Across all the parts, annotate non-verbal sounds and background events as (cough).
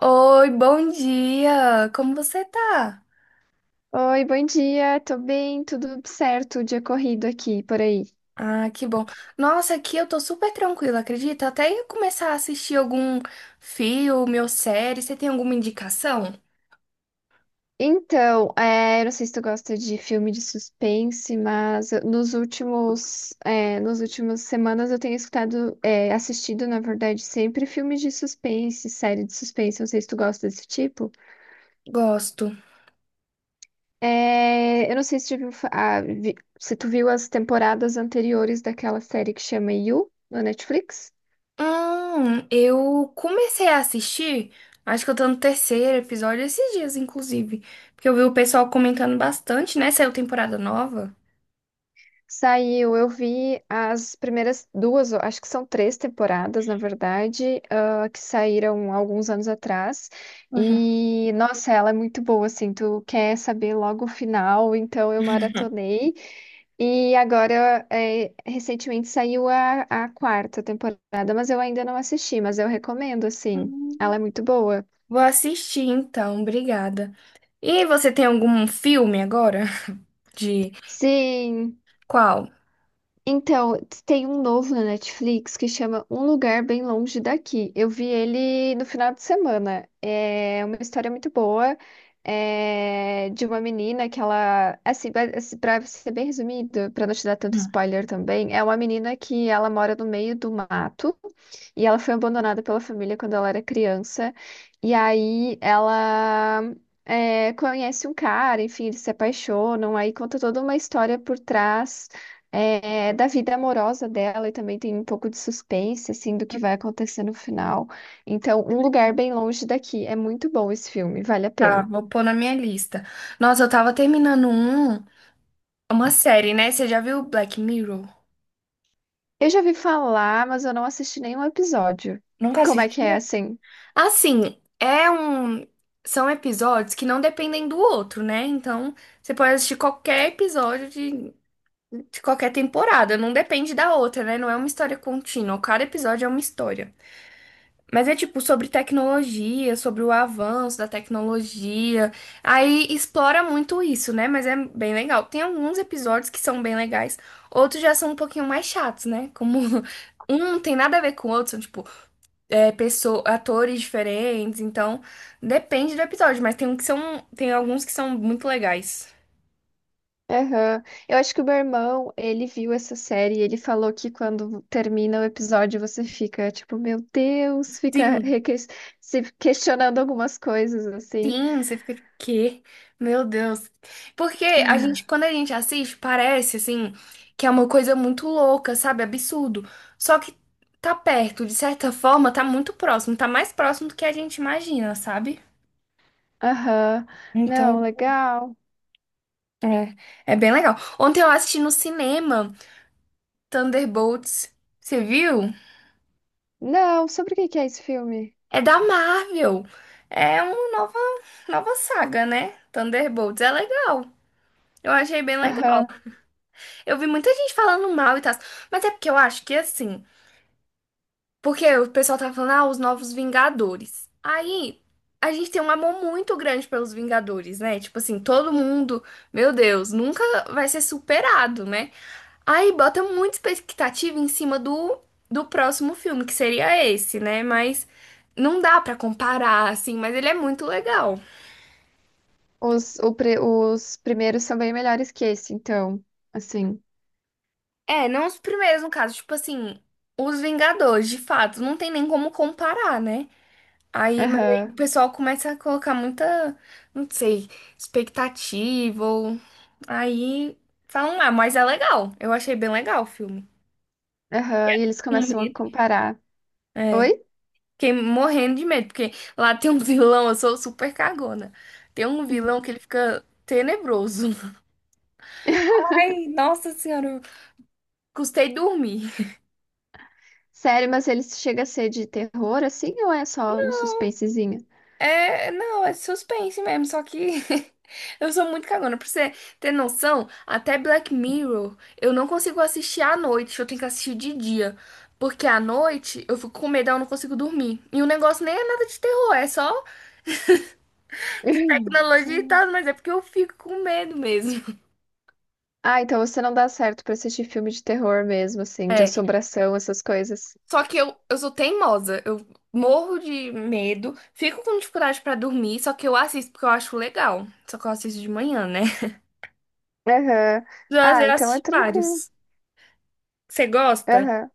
Oi, bom dia! Como você tá? Oi, bom dia. Tô bem, tudo certo, dia corrido aqui, por aí. Ah, que bom. Nossa, aqui eu tô super tranquila, acredita? Até ia começar a assistir algum filme ou série. Você tem alguma indicação? Então, eu não sei se tu gosta de filme de suspense, nos últimas semanas eu tenho assistido, na verdade, sempre filmes de suspense, série de suspense. Não sei se tu gosta desse tipo. Gosto. Eu não sei se tu viu, fa- ah, vi- se tu viu as temporadas anteriores daquela série que chama You, no Netflix. Eu comecei a assistir, acho que eu tô no terceiro episódio esses dias, inclusive. Porque eu vi o pessoal comentando bastante, né? Saiu temporada nova. Saiu, eu vi as primeiras duas, eu acho que são três temporadas, na verdade, que saíram alguns anos atrás. E, nossa, ela é muito boa, assim, tu quer saber logo o final, então eu maratonei. E agora, recentemente saiu a quarta temporada, mas eu ainda não assisti, mas eu recomendo, assim, ela Uhum. é muito boa. Vou assistir então, obrigada. E você tem algum filme agora? (laughs) De Sim. qual? Então, tem um novo na Netflix que chama Um Lugar Bem Longe Daqui. Eu vi ele no final de semana. É uma história muito boa, de uma menina que ela, assim, pra ser bem resumido, pra não te dar tanto spoiler também, é uma menina que ela mora no meio do mato e ela foi abandonada pela família quando ela era criança. E aí ela conhece um cara, enfim, eles se apaixonam, aí conta toda uma história por trás da vida amorosa dela e também tem um pouco de suspense, assim, do que vai acontecer no final. Então, Que Um Lugar legal. Bem Longe Daqui. É muito bom esse filme, vale a Tá, pena. vou pôr na minha lista. Nossa, eu tava terminando um, uma série, né? Você já viu Black Mirror? Eu já vi falar, mas eu não assisti nenhum episódio. Nunca Como é que é, assistia? assim? Assim, é um. São episódios que não dependem do outro, né? Então, você pode assistir qualquer episódio de qualquer temporada, não depende da outra, né? Não é uma história contínua. Cada episódio é uma história. Mas é tipo sobre tecnologia, sobre o avanço da tecnologia. Aí explora muito isso, né? Mas é bem legal. Tem alguns episódios que são bem legais, outros já são um pouquinho mais chatos, né? Como (laughs) um não tem nada a ver com o outro, são tipo pessoa, atores diferentes. Então depende do episódio, mas tem um que são, tem alguns que são muito legais. Aham. Eu acho que o meu irmão, ele viu essa série e ele falou que quando termina o episódio você fica tipo, meu Deus, fica Sim. Se questionando algumas coisas, assim. Sim, você fica tipo, quê? Meu Deus. Porque a gente, quando a gente assiste, parece assim que é uma coisa muito louca, sabe? Absurdo. Só que tá perto, de certa forma, tá muito próximo, tá mais próximo do que a gente imagina, sabe? Aham. Então, Não, legal. é, é bem legal. Ontem eu assisti no cinema Thunderbolts. Você viu? Não, sobre o que que é esse filme? É da Marvel. É uma nova, nova saga, né? Thunderbolts. É legal. Eu achei bem legal. Aham. Eu vi muita gente falando mal e tal, mas é porque eu acho que assim, porque o pessoal tava falando, ah, os novos Vingadores. Aí a gente tem um amor muito grande pelos Vingadores, né? Tipo assim, todo mundo, meu Deus, nunca vai ser superado, né? Aí bota muita expectativa em cima do, do próximo filme, que seria esse, né? Mas não dá pra comparar, assim, mas ele é muito legal. Os primeiros são bem melhores que esse, então. Assim. É, não os primeiros, no caso, tipo assim, os Vingadores, de fato, não tem nem como comparar, né? Aí, mas aí Aham. o pessoal começa a colocar muita, não sei, expectativa. Ou- Aí falam, ah, mas é legal. Eu achei bem legal o filme. Aham. E eles Com começam a medo. comparar. É. Oi? Fiquei morrendo de medo, porque lá tem um (laughs) vilão, eu sou super cagona. Tem um vilão que ele fica tenebroso. Ai, (laughs) nossa senhora, eu custei dormir. Sério, mas ele chega a ser de terror, assim, ou é só um suspensezinho? É, não, é suspense mesmo, só que (laughs) eu sou muito cagona. Pra você ter noção, até Black Mirror eu não consigo assistir à noite, eu tenho que assistir de dia. Porque à noite eu fico com medo, eu não consigo dormir. E o negócio nem é nada de terror, é só (laughs) tecnologia e tal, mas é porque eu fico com medo mesmo. (laughs) Ah, então você não dá certo pra assistir filme de terror mesmo, assim, de É, assombração, essas coisas. só que eu sou teimosa, eu morro de medo, fico com dificuldade pra dormir, só que eu assisto porque eu acho legal. Só que eu assisto de manhã, né? (laughs) Aham. Já, Ah, já então é assisti tranquilo. vários. Você gosta? Aham.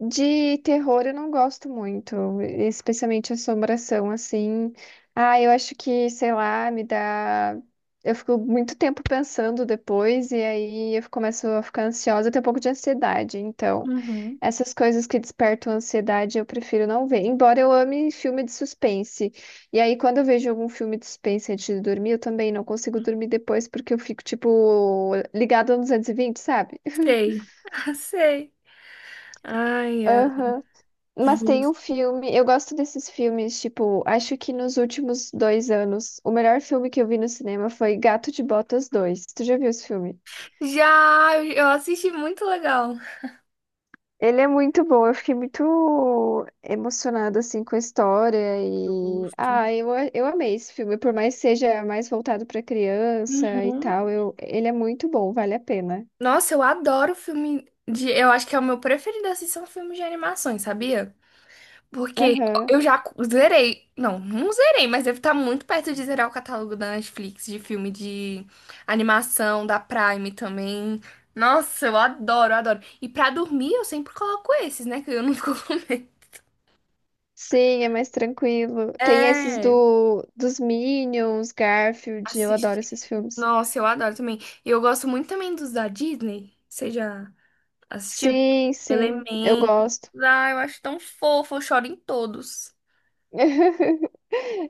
De terror eu não gosto muito, especialmente assombração, assim. Ah, eu acho que, sei lá, me dá. Eu fico muito tempo pensando depois, e aí eu começo a ficar ansiosa, até um pouco de ansiedade. Então, Uhum. essas coisas que despertam ansiedade eu prefiro não ver, embora eu ame filme de suspense. E aí, quando eu vejo algum filme de suspense antes de dormir, eu também não consigo dormir depois, porque eu fico, tipo, ligada no 220, sabe? Sei. (laughs) Sei. Ai, ai. Aham. Mas tem um Justo. filme, eu gosto desses filmes, tipo, acho que nos últimos 2 anos, o melhor filme que eu vi no cinema foi Gato de Botas 2. Tu já viu esse filme? Já, eu assisti muito legal. Ele é muito bom, eu fiquei muito emocionada, assim, com a história. Justo. Ah, eu amei esse filme, por mais que seja mais voltado pra criança e Uhum. tal, ele é muito bom, vale a pena. Nossa, eu adoro filme de. Eu acho que é o meu preferido assistir são filmes de animações, sabia? Porque Aham. eu já cu- zerei. Não, não zerei, mas deve estar muito perto de zerar o catálogo da Netflix de filme de animação, da Prime também. Nossa, eu adoro, adoro. E pra dormir eu sempre coloco esses, né? Que eu não (laughs) fico com medo. Sim, é mais tranquilo. Tem esses É. do dos Minions, Garfield, eu adoro Assisti. esses filmes. Nossa, eu adoro também. E eu gosto muito também dos da Disney. Você já assistiu? Sim, sim, eu Elementos. gosto. Ah, eu acho tão fofo, eu choro em todos. (laughs)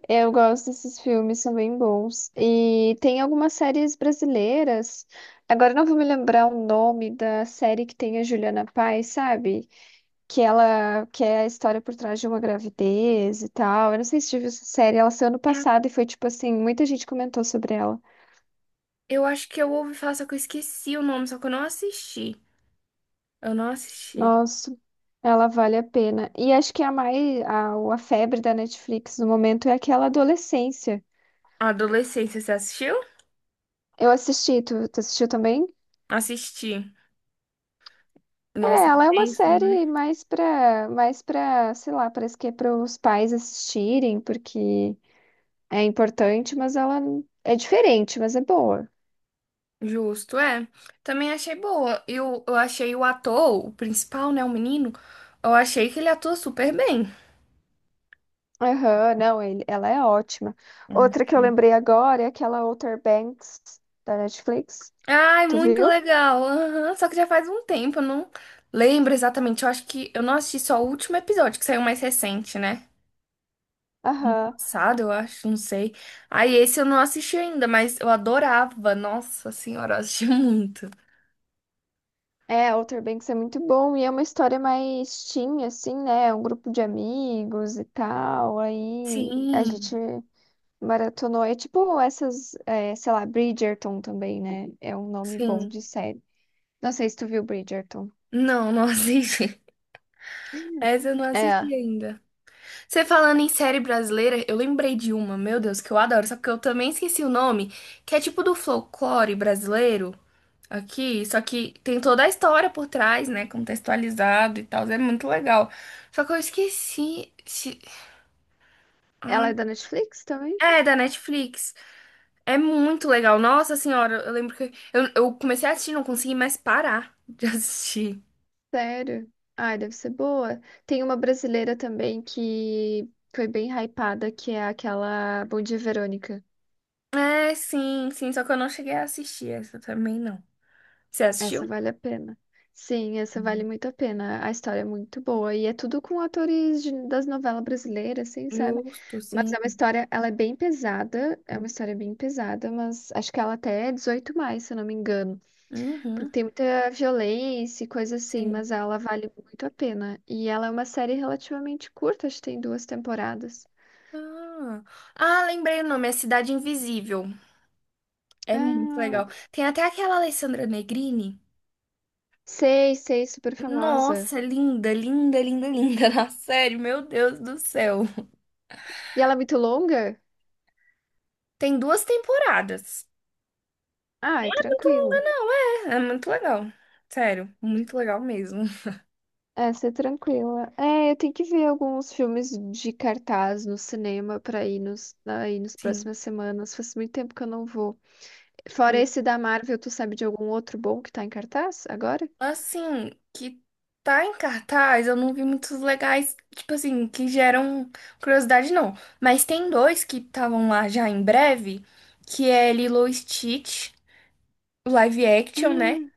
Eu gosto desses filmes, são bem bons. E tem algumas séries brasileiras. Agora eu não vou me lembrar o nome da série que tem a Juliana Paes, sabe? Que ela que é a história por trás de uma gravidez e tal. Eu não sei se tive essa série, ela saiu ano É, passado e foi tipo assim, muita gente comentou sobre ela. eu acho que eu ouvi falar, só que eu esqueci o nome, só que eu não assisti. Eu não assisti. Nossa, ela vale a pena. E acho que a febre da Netflix no momento é aquela adolescência. Adolescência, você assistiu? Eu assisti, tu assistiu também? Assisti. É, Nossa, é ela é uma tenso, né? série mais pra, sei lá, parece que é para os pais assistirem, porque é importante, mas ela é diferente, mas é boa. Justo, é. Também achei boa. Eu achei o ator, o principal, né? O menino. Eu achei que ele atua super bem. Aham, não, ela é ótima. Outra que eu Hum. lembrei agora é aquela Outer Banks da Netflix. Ai, Tu muito viu? legal. Aham, só que já faz um tempo, eu não lembro exatamente. Eu acho que eu não assisti só o último episódio, que saiu mais recente, né? Aham. Passado, eu acho, não sei. Aí esse eu não assisti ainda, mas eu adorava. Nossa senhora, eu assisti (laughs) muito. É, Outer Banks é muito bom e é uma história mais teen, assim, né? É um grupo de amigos e tal. Aí a gente Sim, maratonou. É tipo essas, sei lá, Bridgerton também, né? É um nome bom sim. de série. Não sei se tu viu Bridgerton. Não, não assisti. (laughs) Essa eu não É, assisti ainda. Você falando em série brasileira, eu lembrei de uma, meu Deus, que eu adoro, só que eu também esqueci o nome, que é tipo do folclore brasileiro. Aqui, só que tem toda a história por trás, né? Contextualizado e tal, é muito legal. Só que eu esqueci. Se- ela é da Netflix também? É, da Netflix. É muito legal. Nossa senhora, eu lembro que eu comecei a assistir, não consegui mais parar de (laughs) assistir. Sério? Ai, deve ser boa. Tem uma brasileira também que foi bem hypada, que é aquela Bom Dia, Verônica. É, sim, sim, só que eu não cheguei a assistir essa também, não. Você assistiu? Essa vale a pena. Sim, essa vale muito a pena. A história é muito boa e é tudo com atores das novelas brasileiras, assim, sabe? Justo, Mas sim. é uma história, ela é bem pesada, é uma história bem pesada, mas acho que ela até é 18 mais, se eu não me engano, porque Uhum, tem muita violência e coisa assim, sim. mas ela vale muito a pena. E ela é uma série relativamente curta, acho que tem duas temporadas. Ah, ah, lembrei o nome, é Cidade Invisível. É muito Ah, legal. Tem até aquela Alessandra Negrini. sei, sei, super famosa. Nossa, linda, linda, linda, linda. (laughs) Na série, meu Deus do céu. E ela é muito longa? Tem duas temporadas. Ah, é tranquilo. Não, é, é muito legal. Sério, muito legal mesmo. É, ser tranquila. É, eu tenho que ver alguns filmes de cartaz no cinema pra ir aí nas Sim, próximas semanas. Faz muito tempo que eu não vou. Fora juro. esse da Marvel, tu sabe de algum outro bom que tá em cartaz agora? Assim, que tá em cartaz, eu não vi muitos legais, tipo assim, que geram curiosidade, não. Mas tem dois que estavam lá já em breve, que é Lilo e Stitch, o live action, né? Ah.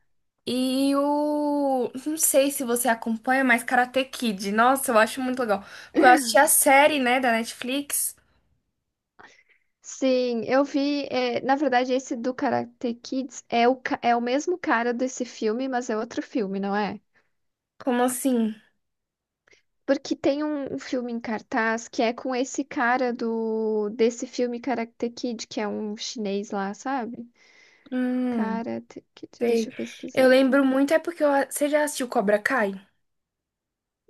E o. Não sei se você acompanha, mas Karate Kid. Nossa, eu acho muito legal. Porque eu assisti (laughs) a série, né, da Netflix. Sim, eu vi. Na verdade, esse do Karate Kids é o mesmo cara desse filme, mas é outro filme, não é? Como assim? Porque tem um filme em cartaz que é com esse cara do desse filme Karate Kid, que é um chinês lá, sabe? Hum, Karate Kid, deixa sei. eu Eu pesquisar aqui. lembro muito, é porque eu... você já assistiu Cobra Kai?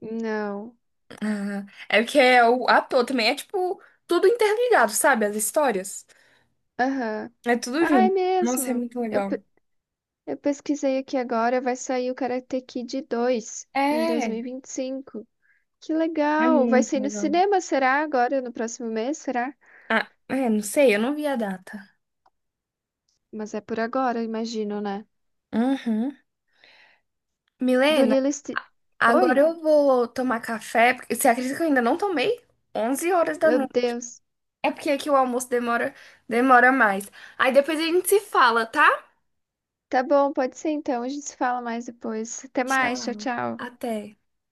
Não. Ah, é porque é o ator também. É tipo, tudo interligado, sabe? As histórias. Aham. É tudo Ah, é junto. Nossa, é mesmo. muito Eu, legal. pe- eu pesquisei aqui agora, vai sair o Karate Kid 2 em dois mil É, e vinte e cinco. Que é legal! Vai muito sair no legal. cinema, será? Agora, no próximo mês, será? Ah, é, não sei, eu não vi a data. Mas é por agora, imagino, né? Uhum. Do Milene? Lilo Ste... Oi? Agora eu vou tomar café, porque você acredita que eu ainda não tomei? 11 horas da Meu noite. Deus. É porque aqui o almoço demora, demora mais. Aí depois a gente se fala, tá? Tá bom, pode ser então. A gente se fala mais depois. Até mais, tchau, Tchau, tchau. até.